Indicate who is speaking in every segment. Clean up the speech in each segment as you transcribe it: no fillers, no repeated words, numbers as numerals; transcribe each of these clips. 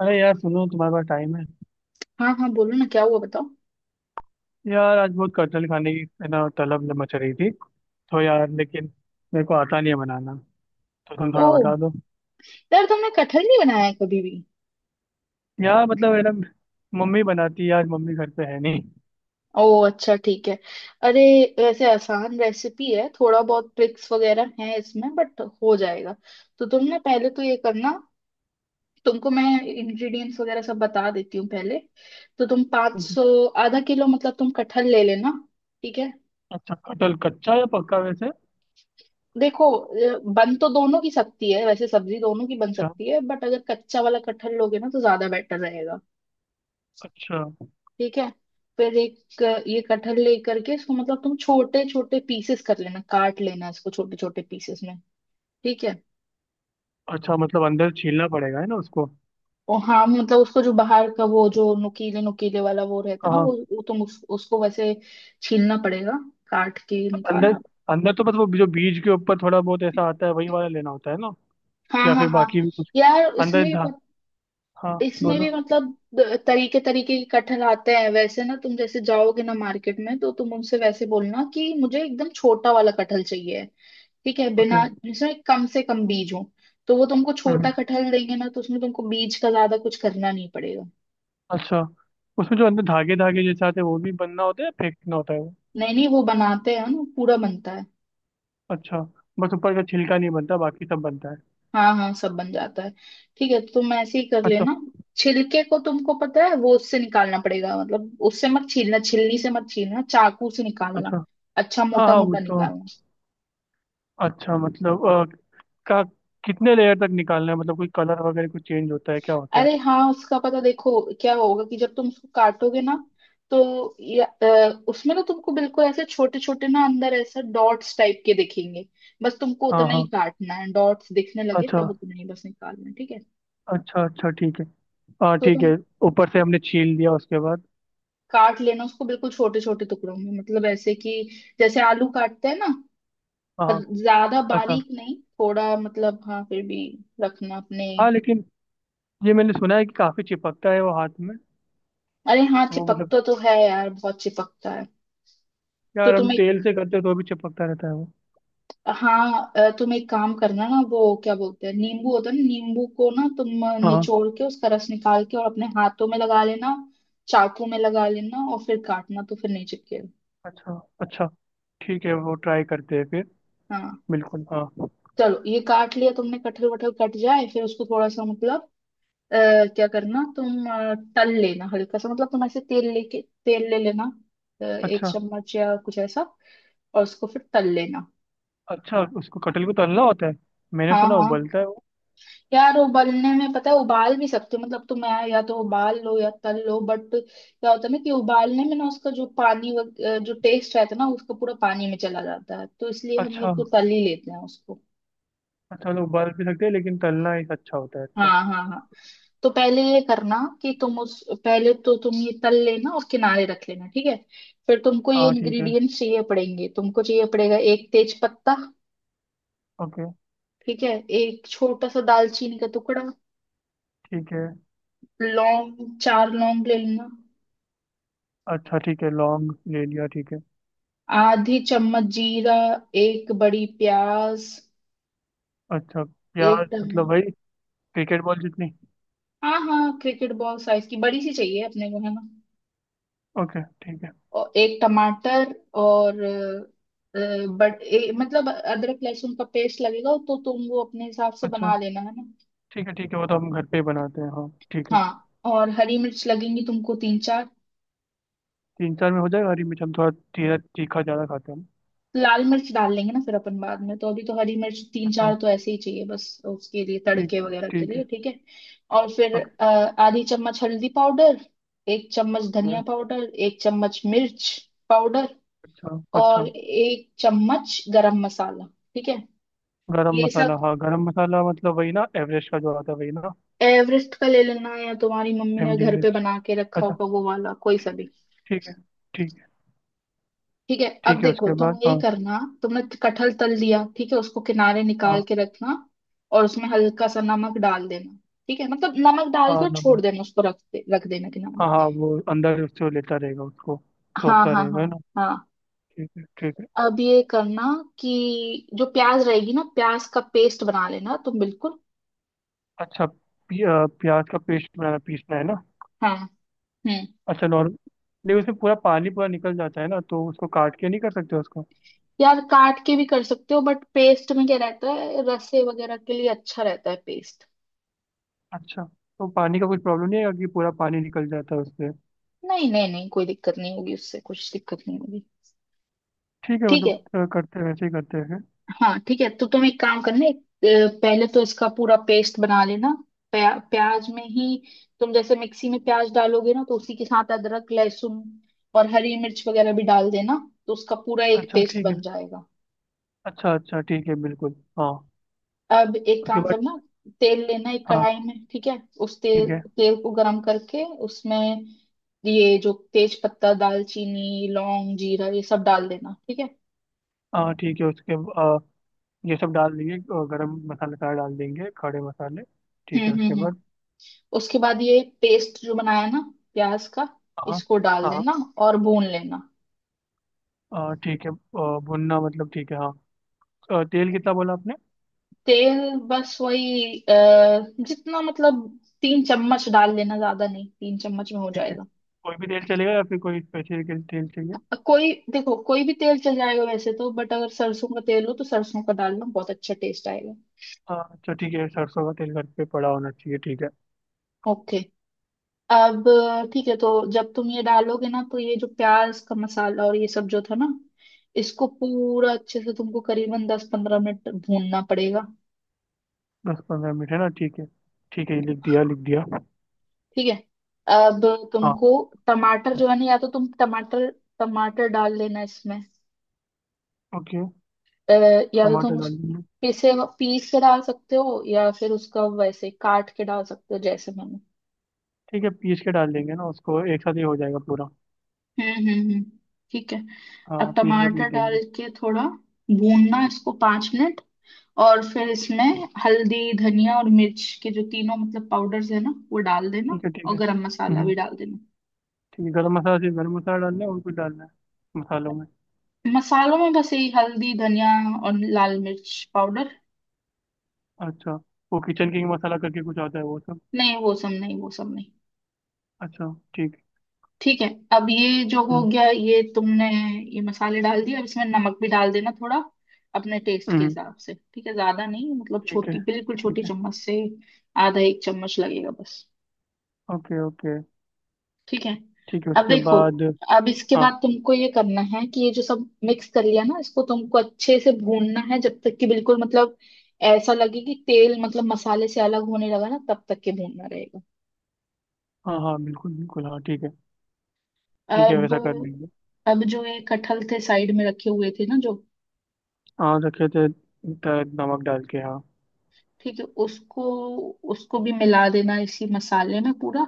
Speaker 1: अरे यार सुनो, तुम्हारे पास टाइम है?
Speaker 2: हाँ हाँ बोलो ना, क्या हुआ बताओ।
Speaker 1: यार आज बहुत कटहल खाने की, है ना, तलब मच रही थी। तो यार लेकिन मेरे को आता नहीं है बनाना। तो तुम थोड़ा
Speaker 2: ओह,
Speaker 1: बता दो।
Speaker 2: यार तुमने कटहल नहीं बनाया है कभी भी?
Speaker 1: यार मतलब, है ना, मम्मी बनाती है, आज मम्मी घर पे है नहीं।
Speaker 2: ओह अच्छा, ठीक है। अरे, वैसे आसान रेसिपी है, थोड़ा बहुत ट्रिक्स वगैरह है इसमें बट हो जाएगा। तो तुम ना पहले तो ये करना, तुमको मैं इंग्रेडिएंट्स वगैरह सब बता देती हूँ पहले। तो तुम 500
Speaker 1: ठीक है।
Speaker 2: सौ आधा किलो मतलब तुम कटहल ले लेना। ठीक है,
Speaker 1: अच्छा कटहल कच्चा या पक्का वैसे?
Speaker 2: देखो बन तो दोनों की सकती है वैसे, सब्जी दोनों की बन
Speaker 1: अच्छा।
Speaker 2: सकती है बट अगर कच्चा वाला कटहल लोगे ना तो ज्यादा बेटर रहेगा।
Speaker 1: अच्छा।
Speaker 2: ठीक है, फिर एक ये कटहल लेकर के इसको मतलब तुम छोटे छोटे पीसेस कर लेना, काट लेना इसको छोटे छोटे पीसेस में। ठीक है,
Speaker 1: अच्छा मतलब अंदर छीलना पड़ेगा, है ना, उसको?
Speaker 2: और हाँ मतलब उसको जो बाहर का, वो जो नुकीले नुकीले वाला वो रहता है ना, वो,
Speaker 1: हाँ।
Speaker 2: वो तुम उसको वैसे छीलना पड़ेगा, काट के
Speaker 1: अंदर
Speaker 2: निकालना
Speaker 1: अंदर तो बस वो जो बीज के ऊपर थोड़ा बहुत ऐसा
Speaker 2: पड़ेगा।
Speaker 1: आता है वही वाला लेना होता है ना?
Speaker 2: हाँ
Speaker 1: या
Speaker 2: हाँ
Speaker 1: फिर
Speaker 2: हाँ,
Speaker 1: बाकी भी कुछ
Speaker 2: यार
Speaker 1: अंदर
Speaker 2: इसमें भी
Speaker 1: धा?
Speaker 2: पत-
Speaker 1: हाँ
Speaker 2: इसमें
Speaker 1: बोलो।
Speaker 2: भी मतलब तरीके तरीके के कटहल आते हैं वैसे ना, तुम जैसे जाओगे ना मार्केट में तो तुम उनसे वैसे बोलना कि मुझे एकदम छोटा वाला कटहल चाहिए। ठीक है, बिना
Speaker 1: ओके।
Speaker 2: जिसमें कम से कम बीज हो, तो वो तुमको
Speaker 1: हम्म।
Speaker 2: छोटा कटहल देंगे ना, तो उसमें तुमको बीज का ज्यादा कुछ करना नहीं पड़ेगा।
Speaker 1: अच्छा। उसमें जो अंदर धागे धागे जैसे आते हैं वो भी बनना होता है या फेंकना होता है वो?
Speaker 2: नहीं नहीं, वो बनाते हैं ना, पूरा बनता है।
Speaker 1: अच्छा। बस ऊपर का छिलका नहीं बनता, बाकी सब बनता है।
Speaker 2: हाँ हाँ, सब बन जाता है। ठीक है, तो तुम ऐसे ही कर
Speaker 1: अच्छा।
Speaker 2: लेना। छिलके को तुमको पता है वो उससे निकालना पड़ेगा, मतलब उससे मत छीलना, छिलनी से मत छीलना, चाकू से निकालना।
Speaker 1: अच्छा।
Speaker 2: अच्छा
Speaker 1: हाँ
Speaker 2: मोटा
Speaker 1: हाँ वो
Speaker 2: मोटा
Speaker 1: तो।
Speaker 2: निकालना।
Speaker 1: अच्छा मतलब का कितने लेयर तक निकालना है? मतलब कोई कलर वगैरह कुछ चेंज होता है क्या होता है?
Speaker 2: अरे हाँ, उसका पता देखो क्या होगा, कि जब तुम उसको काटोगे ना तो उसमें ना तुमको बिल्कुल ऐसे छोटे छोटे ना अंदर ऐसा डॉट्स टाइप के दिखेंगे। बस तुमको
Speaker 1: हाँ
Speaker 2: उतना ही
Speaker 1: हाँ।
Speaker 2: काटना है, डॉट्स दिखने लगे
Speaker 1: अच्छा।
Speaker 2: तब उतना ही बस निकालना है। ठीक है,
Speaker 1: अच्छा अच्छा ठीक है। हाँ
Speaker 2: तो
Speaker 1: ठीक
Speaker 2: तुम
Speaker 1: है। ऊपर से हमने छील दिया उसके बाद?
Speaker 2: काट लेना उसको बिल्कुल छोटे छोटे टुकड़ों में, मतलब ऐसे कि जैसे आलू काटते हैं ना,
Speaker 1: हाँ।
Speaker 2: पर
Speaker 1: हाँ।
Speaker 2: ज्यादा
Speaker 1: अच्छा।
Speaker 2: बारीक नहीं, थोड़ा मतलब हाँ फिर भी रखना अपने।
Speaker 1: हाँ लेकिन ये मैंने सुना है कि काफी चिपकता है वो हाथ में।
Speaker 2: अरे हाँ,
Speaker 1: वो मतलब
Speaker 2: चिपकता तो है यार, बहुत चिपकता है। तो
Speaker 1: यार हम
Speaker 2: तुम
Speaker 1: तेल से करते हैं तो भी चिपकता रहता है वो।
Speaker 2: तुम एक काम करना ना, वो क्या बोलते हैं, नींबू होता है ना, नींबू को ना तुम
Speaker 1: हाँ, हाँ।
Speaker 2: निचोड़ के उसका रस निकाल के और अपने हाथों में लगा लेना, चाकू में लगा लेना और फिर काटना, तो फिर नहीं चिपकेगा।
Speaker 1: अच्छा। अच्छा ठीक है, वो ट्राई करते हैं फिर।
Speaker 2: हाँ,
Speaker 1: बिल्कुल हाँ।
Speaker 2: चलो ये काट लिया तुमने, कटहल वटहल कट जाए फिर उसको थोड़ा सा मतलब अ, क्या करना, तुम तल लेना हल्का सा, मतलब तुम ऐसे तेल ले लेना, एक
Speaker 1: अच्छा।
Speaker 2: चम्मच या कुछ ऐसा, और उसको फिर तल लेना।
Speaker 1: अच्छा उसको, कटहल को तलना होता है? मैंने
Speaker 2: हाँ
Speaker 1: सुना
Speaker 2: हाँ,
Speaker 1: उबलता है वो।
Speaker 2: यार उबलने में पता है, उबाल भी सकते हो मतलब तुम, या तो उबाल लो या तल लो, बट क्या होता है ना कि उबालने में ना उसका जो जो टेस्ट रहता है ना उसका पूरा पानी में चला जाता है, तो इसलिए हम
Speaker 1: अच्छा।
Speaker 2: लोग तो तल ही लेते हैं उसको।
Speaker 1: अच्छा मतलब उबाल भी सकते हैं लेकिन तलना ही अच्छा होता है। अच्छा।
Speaker 2: हाँ हाँ हाँ, तो पहले ये करना कि तुम उस पहले तो तुम ये तल लेना और किनारे रख लेना। ठीक है, फिर तुमको ये
Speaker 1: हाँ ठीक है।
Speaker 2: इंग्रेडिएंट्स चाहिए पड़ेंगे, तुमको चाहिए पड़ेगा एक तेज पत्ता,
Speaker 1: ओके।
Speaker 2: ठीक है, एक छोटा सा दालचीनी का टुकड़ा,
Speaker 1: ठीक है।
Speaker 2: लौंग चार लौंग ले लेना,
Speaker 1: अच्छा ठीक है, लौंग ले लिया, ठीक है।
Speaker 2: आधी चम्मच जीरा, एक बड़ी प्याज,
Speaker 1: अच्छा
Speaker 2: एक
Speaker 1: प्याज
Speaker 2: टमाटर।
Speaker 1: मतलब वही क्रिकेट बॉल जितनी?
Speaker 2: हाँ हाँ, क्रिकेट बॉल साइज की बड़ी सी चाहिए अपने को, है ना,
Speaker 1: ओके ठीक है।
Speaker 2: और एक टमाटर, और मतलब अदरक लहसुन का पेस्ट लगेगा, तो तुम वो अपने हिसाब से
Speaker 1: अच्छा।
Speaker 2: बना लेना, है ना।
Speaker 1: ठीक है ठीक है, वो तो हम घर पे ही बनाते हैं, हाँ ठीक है।
Speaker 2: हाँ, और हरी मिर्च लगेंगी तुमको तीन चार।
Speaker 1: 3 4 में हो जाएगा? हरी मिर्च हम थोड़ा तीखा तीखा ज़्यादा खाते हैं हम।
Speaker 2: लाल मिर्च डाल लेंगे ना फिर अपन बाद में, तो अभी तो हरी मिर्च तीन
Speaker 1: अच्छा।
Speaker 2: चार तो ऐसे ही चाहिए बस उसके लिए, तड़के
Speaker 1: ठीक है
Speaker 2: वगैरह के
Speaker 1: ठीक है।
Speaker 2: लिए। ठीक है, और फिर
Speaker 1: ओके।
Speaker 2: आधी चम्मच हल्दी पाउडर, एक चम्मच
Speaker 1: ओके।
Speaker 2: धनिया पाउडर, एक चम्मच मिर्च पाउडर,
Speaker 1: अच्छा
Speaker 2: और
Speaker 1: अच्छा।
Speaker 2: एक चम्मच गरम मसाला। ठीक है,
Speaker 1: गरम
Speaker 2: ये
Speaker 1: मसाला,
Speaker 2: सब
Speaker 1: हाँ गरम मसाला मतलब वही ना, एवरेस्ट का जो आता है वही ना?
Speaker 2: एवरेस्ट का ले लेना या तुम्हारी मम्मी
Speaker 1: एम
Speaker 2: ने
Speaker 1: डी
Speaker 2: घर पे
Speaker 1: एच
Speaker 2: बना के रखा
Speaker 1: अच्छा।
Speaker 2: होगा वो वाला कोई सा
Speaker 1: ठीक है।
Speaker 2: भी।
Speaker 1: ठीक है। ठीक है।
Speaker 2: ठीक है, अब
Speaker 1: ठीक है
Speaker 2: देखो
Speaker 1: उसके
Speaker 2: तुम
Speaker 1: बाद।
Speaker 2: यही
Speaker 1: हाँ।
Speaker 2: करना, तुमने कटहल तल दिया, ठीक है, उसको किनारे निकाल
Speaker 1: हाँ।
Speaker 2: के रखना और उसमें हल्का सा नमक डाल देना। ठीक है, मतलब नमक डाल के
Speaker 1: हाँ
Speaker 2: और छोड़
Speaker 1: नमक।
Speaker 2: देना उसको, रख देना किनारे।
Speaker 1: हाँ हाँ वो अंदर उससे वो लेता रहेगा उसको,
Speaker 2: हाँ
Speaker 1: सोखता
Speaker 2: हाँ
Speaker 1: रहेगा है
Speaker 2: हाँ
Speaker 1: ना?
Speaker 2: हाँ,
Speaker 1: ठीक है ठीक है।
Speaker 2: अब ये करना कि जो प्याज रहेगी ना, प्याज का पेस्ट बना लेना तुम बिल्कुल।
Speaker 1: अच्छा प्याज का पेस्ट बनाना, पीसना है ना?
Speaker 2: हाँ हम्म,
Speaker 1: अच्छा नॉर्मल? नहीं उसमें पूरा पानी पूरा निकल जाता है ना, तो उसको काट के नहीं कर सकते उसको?
Speaker 2: यार काट के भी कर सकते हो बट पेस्ट में क्या रहता है, रसे वगैरह के लिए अच्छा रहता है पेस्ट।
Speaker 1: अच्छा, तो पानी का कुछ प्रॉब्लम नहीं है कि पूरा पानी निकल जाता है उससे?
Speaker 2: नहीं नहीं नहीं, कोई दिक्कत नहीं होगी उससे, कुछ दिक्कत नहीं होगी।
Speaker 1: ठीक है
Speaker 2: ठीक है,
Speaker 1: मतलब करते हैं वैसे ही करते हैं।
Speaker 2: हाँ ठीक है, तो तुम एक काम करना, पहले तो इसका पूरा पेस्ट बना लेना, प्याज में ही। तुम जैसे मिक्सी में प्याज डालोगे ना, तो उसी के साथ अदरक लहसुन और हरी मिर्च वगैरह भी डाल देना, तो उसका पूरा एक
Speaker 1: अच्छा
Speaker 2: पेस्ट
Speaker 1: ठीक है।
Speaker 2: बन जाएगा।
Speaker 1: अच्छा अच्छा ठीक है बिल्कुल। हाँ।
Speaker 2: अब एक
Speaker 1: उसके
Speaker 2: काम
Speaker 1: बाद?
Speaker 2: करना, तेल लेना एक
Speaker 1: हाँ।
Speaker 2: कढ़ाई में, ठीक है, उस तेल
Speaker 1: ठीक है।
Speaker 2: तेल को गरम करके उसमें ये जो तेज पत्ता, दालचीनी, लौंग, जीरा ये सब डाल देना। ठीक है,
Speaker 1: हाँ। ठीक है उसके आ, ये सब डाल देंगे, गरम मसाला सारा डाल देंगे, खड़े मसाले। ठीक है उसके
Speaker 2: हम्म,
Speaker 1: बाद?
Speaker 2: उसके बाद ये पेस्ट जो बनाया ना, प्याज का,
Speaker 1: हाँ।
Speaker 2: इसको डाल
Speaker 1: हाँ।
Speaker 2: देना और भून लेना।
Speaker 1: हाँ, ठीक है भुनना मतलब, ठीक है हाँ। तेल कितना बोला आपने?
Speaker 2: तेल बस वही जितना मतलब तीन चम्मच डाल लेना, ज्यादा नहीं, तीन चम्मच में हो
Speaker 1: ठीक है।
Speaker 2: जाएगा।
Speaker 1: कोई भी तेल चलेगा या फिर कोई स्पेशल तेल चाहिए?
Speaker 2: कोई देखो, कोई भी तेल चल जाएगा वैसे तो, बट अगर सरसों का तेल हो तो सरसों का डालना, बहुत अच्छा टेस्ट आएगा।
Speaker 1: हाँ अच्छा ठीक है, सरसों का तेल घर पे पड़ा होना चाहिए, ठीक है।
Speaker 2: ओके, अब ठीक है, तो जब तुम ये डालोगे ना, तो ये जो प्याज का मसाला और ये सब जो था ना, इसको पूरा अच्छे से तुमको करीबन 10 पंद्रह मिनट भूनना पड़ेगा।
Speaker 1: 10 15 मिनट है ना, ठीक है। ठीक है ये लिख दिया, लिख दिया।
Speaker 2: ठीक है, अब
Speaker 1: हाँ।
Speaker 2: तुमको टमाटर जो है ना, या तो तुम टमाटर टमाटर डाल लेना इसमें,
Speaker 1: ओके।
Speaker 2: अ, या तो
Speaker 1: टमाटर
Speaker 2: तुम उस
Speaker 1: डाल देंगे।
Speaker 2: पीसे पीस के डाल सकते हो या फिर उसका वैसे काट के डाल सकते हो जैसे मैंने।
Speaker 1: ठीक है, पीस के डाल देंगे ना उसको, एक साथ ही हो जाएगा पूरा।
Speaker 2: हम्म हम्म हम्म, ठीक है,
Speaker 1: हाँ
Speaker 2: अब
Speaker 1: पीस बाय पीस
Speaker 2: टमाटर डाल
Speaker 1: देंगे।
Speaker 2: के थोड़ा भूनना इसको 5 मिनट और फिर इसमें हल्दी, धनिया और मिर्च के जो तीनों मतलब पाउडर्स है ना वो डाल देना,
Speaker 1: ठीक है ठीक
Speaker 2: और
Speaker 1: है।
Speaker 2: गरम मसाला
Speaker 1: हम्म।
Speaker 2: भी डाल देना।
Speaker 1: ठीक है, गरम मसाला, सिर्फ गरम मसाला डालना है और कुछ डालना है मसालों में?
Speaker 2: मसालों में बस यही, हल्दी, धनिया और लाल मिर्च पाउडर।
Speaker 1: अच्छा। वो किचन किंग मसाला करके कुछ आता है वो सब?
Speaker 2: नहीं वो सब नहीं, वो सब नहीं।
Speaker 1: अच्छा। ठीक।
Speaker 2: ठीक है, अब ये जो हो
Speaker 1: हम्म।
Speaker 2: गया, ये तुमने ये मसाले डाल दिए, अब इसमें नमक भी डाल देना थोड़ा अपने टेस्ट के
Speaker 1: हम्म
Speaker 2: हिसाब से, ठीक है, ज्यादा नहीं, मतलब
Speaker 1: ठीक है
Speaker 2: छोटी, बिल्कुल छोटी
Speaker 1: ठीक है।
Speaker 2: चम्मच से आधा एक चम्मच लगेगा बस।
Speaker 1: Okay okay.
Speaker 2: ठीक है,
Speaker 1: ठीक है
Speaker 2: अब
Speaker 1: उसके
Speaker 2: देखो,
Speaker 1: बाद?
Speaker 2: अब इसके
Speaker 1: हाँ।
Speaker 2: बाद तुमको ये करना है कि ये जो सब मिक्स कर लिया ना, इसको तुमको अच्छे से भूनना है जब तक कि बिल्कुल मतलब ऐसा लगे कि तेल मतलब मसाले से अलग होने लगा ना, तब तक के भूनना रहेगा।
Speaker 1: हाँ हाँ बिल्कुल बिल्कुल, हाँ ठीक है। ठीक है
Speaker 2: अब
Speaker 1: वैसा कर लेंगे।
Speaker 2: अब जो ये कटहल थे साइड में रखे हुए थे ना जो,
Speaker 1: हाँ रखे थे, नमक डाल के हाँ।
Speaker 2: ठीक है उसको, उसको भी मिला देना इसी मसाले में पूरा,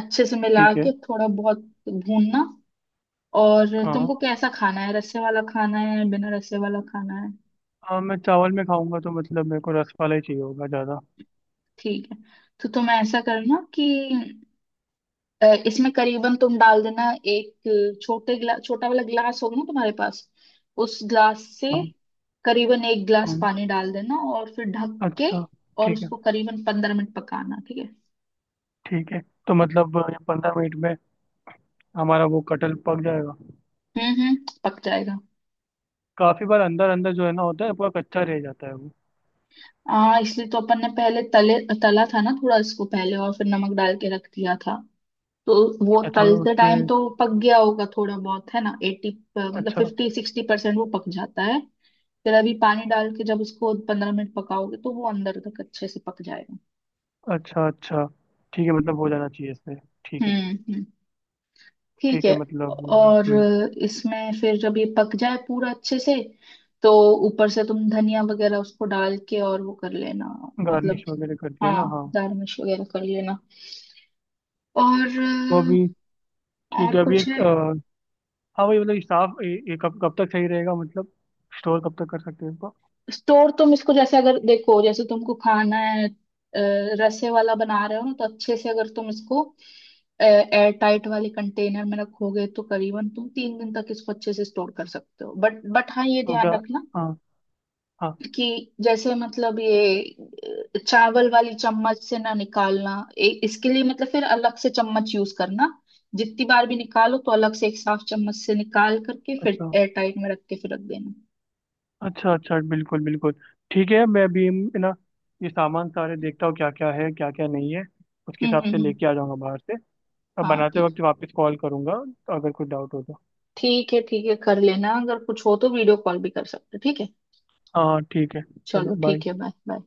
Speaker 2: अच्छे से मिला
Speaker 1: ठीक है।
Speaker 2: के थोड़ा बहुत भूनना। और तुमको
Speaker 1: हाँ।
Speaker 2: कैसा खाना है, रस्से वाला खाना है बिना रस्से वाला खाना है?
Speaker 1: हाँ मैं चावल में खाऊंगा तो मतलब मेरे को रस वाला ही चाहिए होगा ज़्यादा।
Speaker 2: ठीक है, तो तुम ऐसा करना कि इसमें करीबन तुम डाल देना एक छोटा वाला ग्लास होगा ना तुम्हारे पास, उस ग्लास से
Speaker 1: हाँ।
Speaker 2: करीबन एक
Speaker 1: हाँ,
Speaker 2: ग्लास पानी डाल देना और फिर ढक के
Speaker 1: अच्छा।
Speaker 2: और
Speaker 1: ठीक है।
Speaker 2: उसको करीबन 15 मिनट पकाना। ठीक है,
Speaker 1: ठीक है, तो मतलब ये 15 मिनट में हमारा वो कटहल पक जाएगा?
Speaker 2: हम्म, पक जाएगा।
Speaker 1: काफी बार अंदर अंदर जो है ना, होता है पूरा कच्चा रह जाता है वो।
Speaker 2: हाँ इसलिए तो अपन ने पहले तले तला था ना थोड़ा इसको पहले, और फिर नमक डाल के रख दिया था, तो वो
Speaker 1: अच्छा मतलब
Speaker 2: तलते टाइम
Speaker 1: उससे।
Speaker 2: तो पक गया होगा थोड़ा बहुत, है ना, एटी, मतलब
Speaker 1: अच्छा
Speaker 2: 50 60% वो पक जाता है। फिर अभी पानी डाल के जब उसको 15 मिनट पकाओगे तो वो अंदर तक अच्छे से पक जाएगा।
Speaker 1: अच्छा। अच्छा ठीक है, मतलब हो जाना चाहिए इससे। ठीक
Speaker 2: हम्म
Speaker 1: है।
Speaker 2: हम्म, ठीक
Speaker 1: ठीक
Speaker 2: है
Speaker 1: है मतलब।
Speaker 2: और
Speaker 1: हम्म।
Speaker 2: इसमें फिर जब ये पक जाए पूरा अच्छे से, तो ऊपर से तुम धनिया वगैरह उसको डाल के और वो कर लेना, मतलब
Speaker 1: गार्निश वगैरह कर दिया ना,
Speaker 2: हाँ
Speaker 1: हाँ?
Speaker 2: दाल मिर्च वगैरह कर लेना।
Speaker 1: तो
Speaker 2: और
Speaker 1: अभी, ठीक
Speaker 2: और
Speaker 1: है, अभी
Speaker 2: कुछ
Speaker 1: एक
Speaker 2: है?
Speaker 1: हाँ वही मतलब स्टाफ कब, कब तक सही रहेगा मतलब? स्टोर कब तक कर सकते हैं इसको?
Speaker 2: स्टोर तुम इसको जैसे अगर देखो, जैसे तुमको खाना है रसे वाला बना रहे हो ना, तो अच्छे से अगर तुम इसको एयर टाइट वाले कंटेनर में रखोगे तो करीबन तुम 3 दिन तक इसको अच्छे से स्टोर कर सकते हो, बट हाँ ये
Speaker 1: तो क्या?
Speaker 2: ध्यान रखना
Speaker 1: हाँ। हाँ।
Speaker 2: कि जैसे मतलब ये चावल वाली चम्मच से ना निकालना, इसके लिए मतलब फिर अलग से चम्मच यूज करना, जितनी बार भी निकालो तो अलग से एक साफ चम्मच से निकाल करके फिर
Speaker 1: अच्छा।
Speaker 2: एयर टाइट में रख के फिर रख देना।
Speaker 1: अच्छा अच्छा बिल्कुल बिल्कुल। ठीक है मैं अभी, है ना, ये सामान सारे देखता हूँ क्या क्या है, क्या क्या नहीं है। उसके हिसाब से
Speaker 2: हम्म,
Speaker 1: लेके आ जाऊंगा बाहर से। अब
Speaker 2: हाँ
Speaker 1: बनाते
Speaker 2: ठीक,
Speaker 1: वक्त वापस कॉल करूंगा अगर कुछ डाउट हो तो।
Speaker 2: ठीक है ठीक है, कर लेना, अगर कुछ हो तो वीडियो कॉल भी कर सकते हो, ठीक है।
Speaker 1: हाँ ठीक है। चलो
Speaker 2: चलो
Speaker 1: बाय।
Speaker 2: ठीक है, बाय बाय।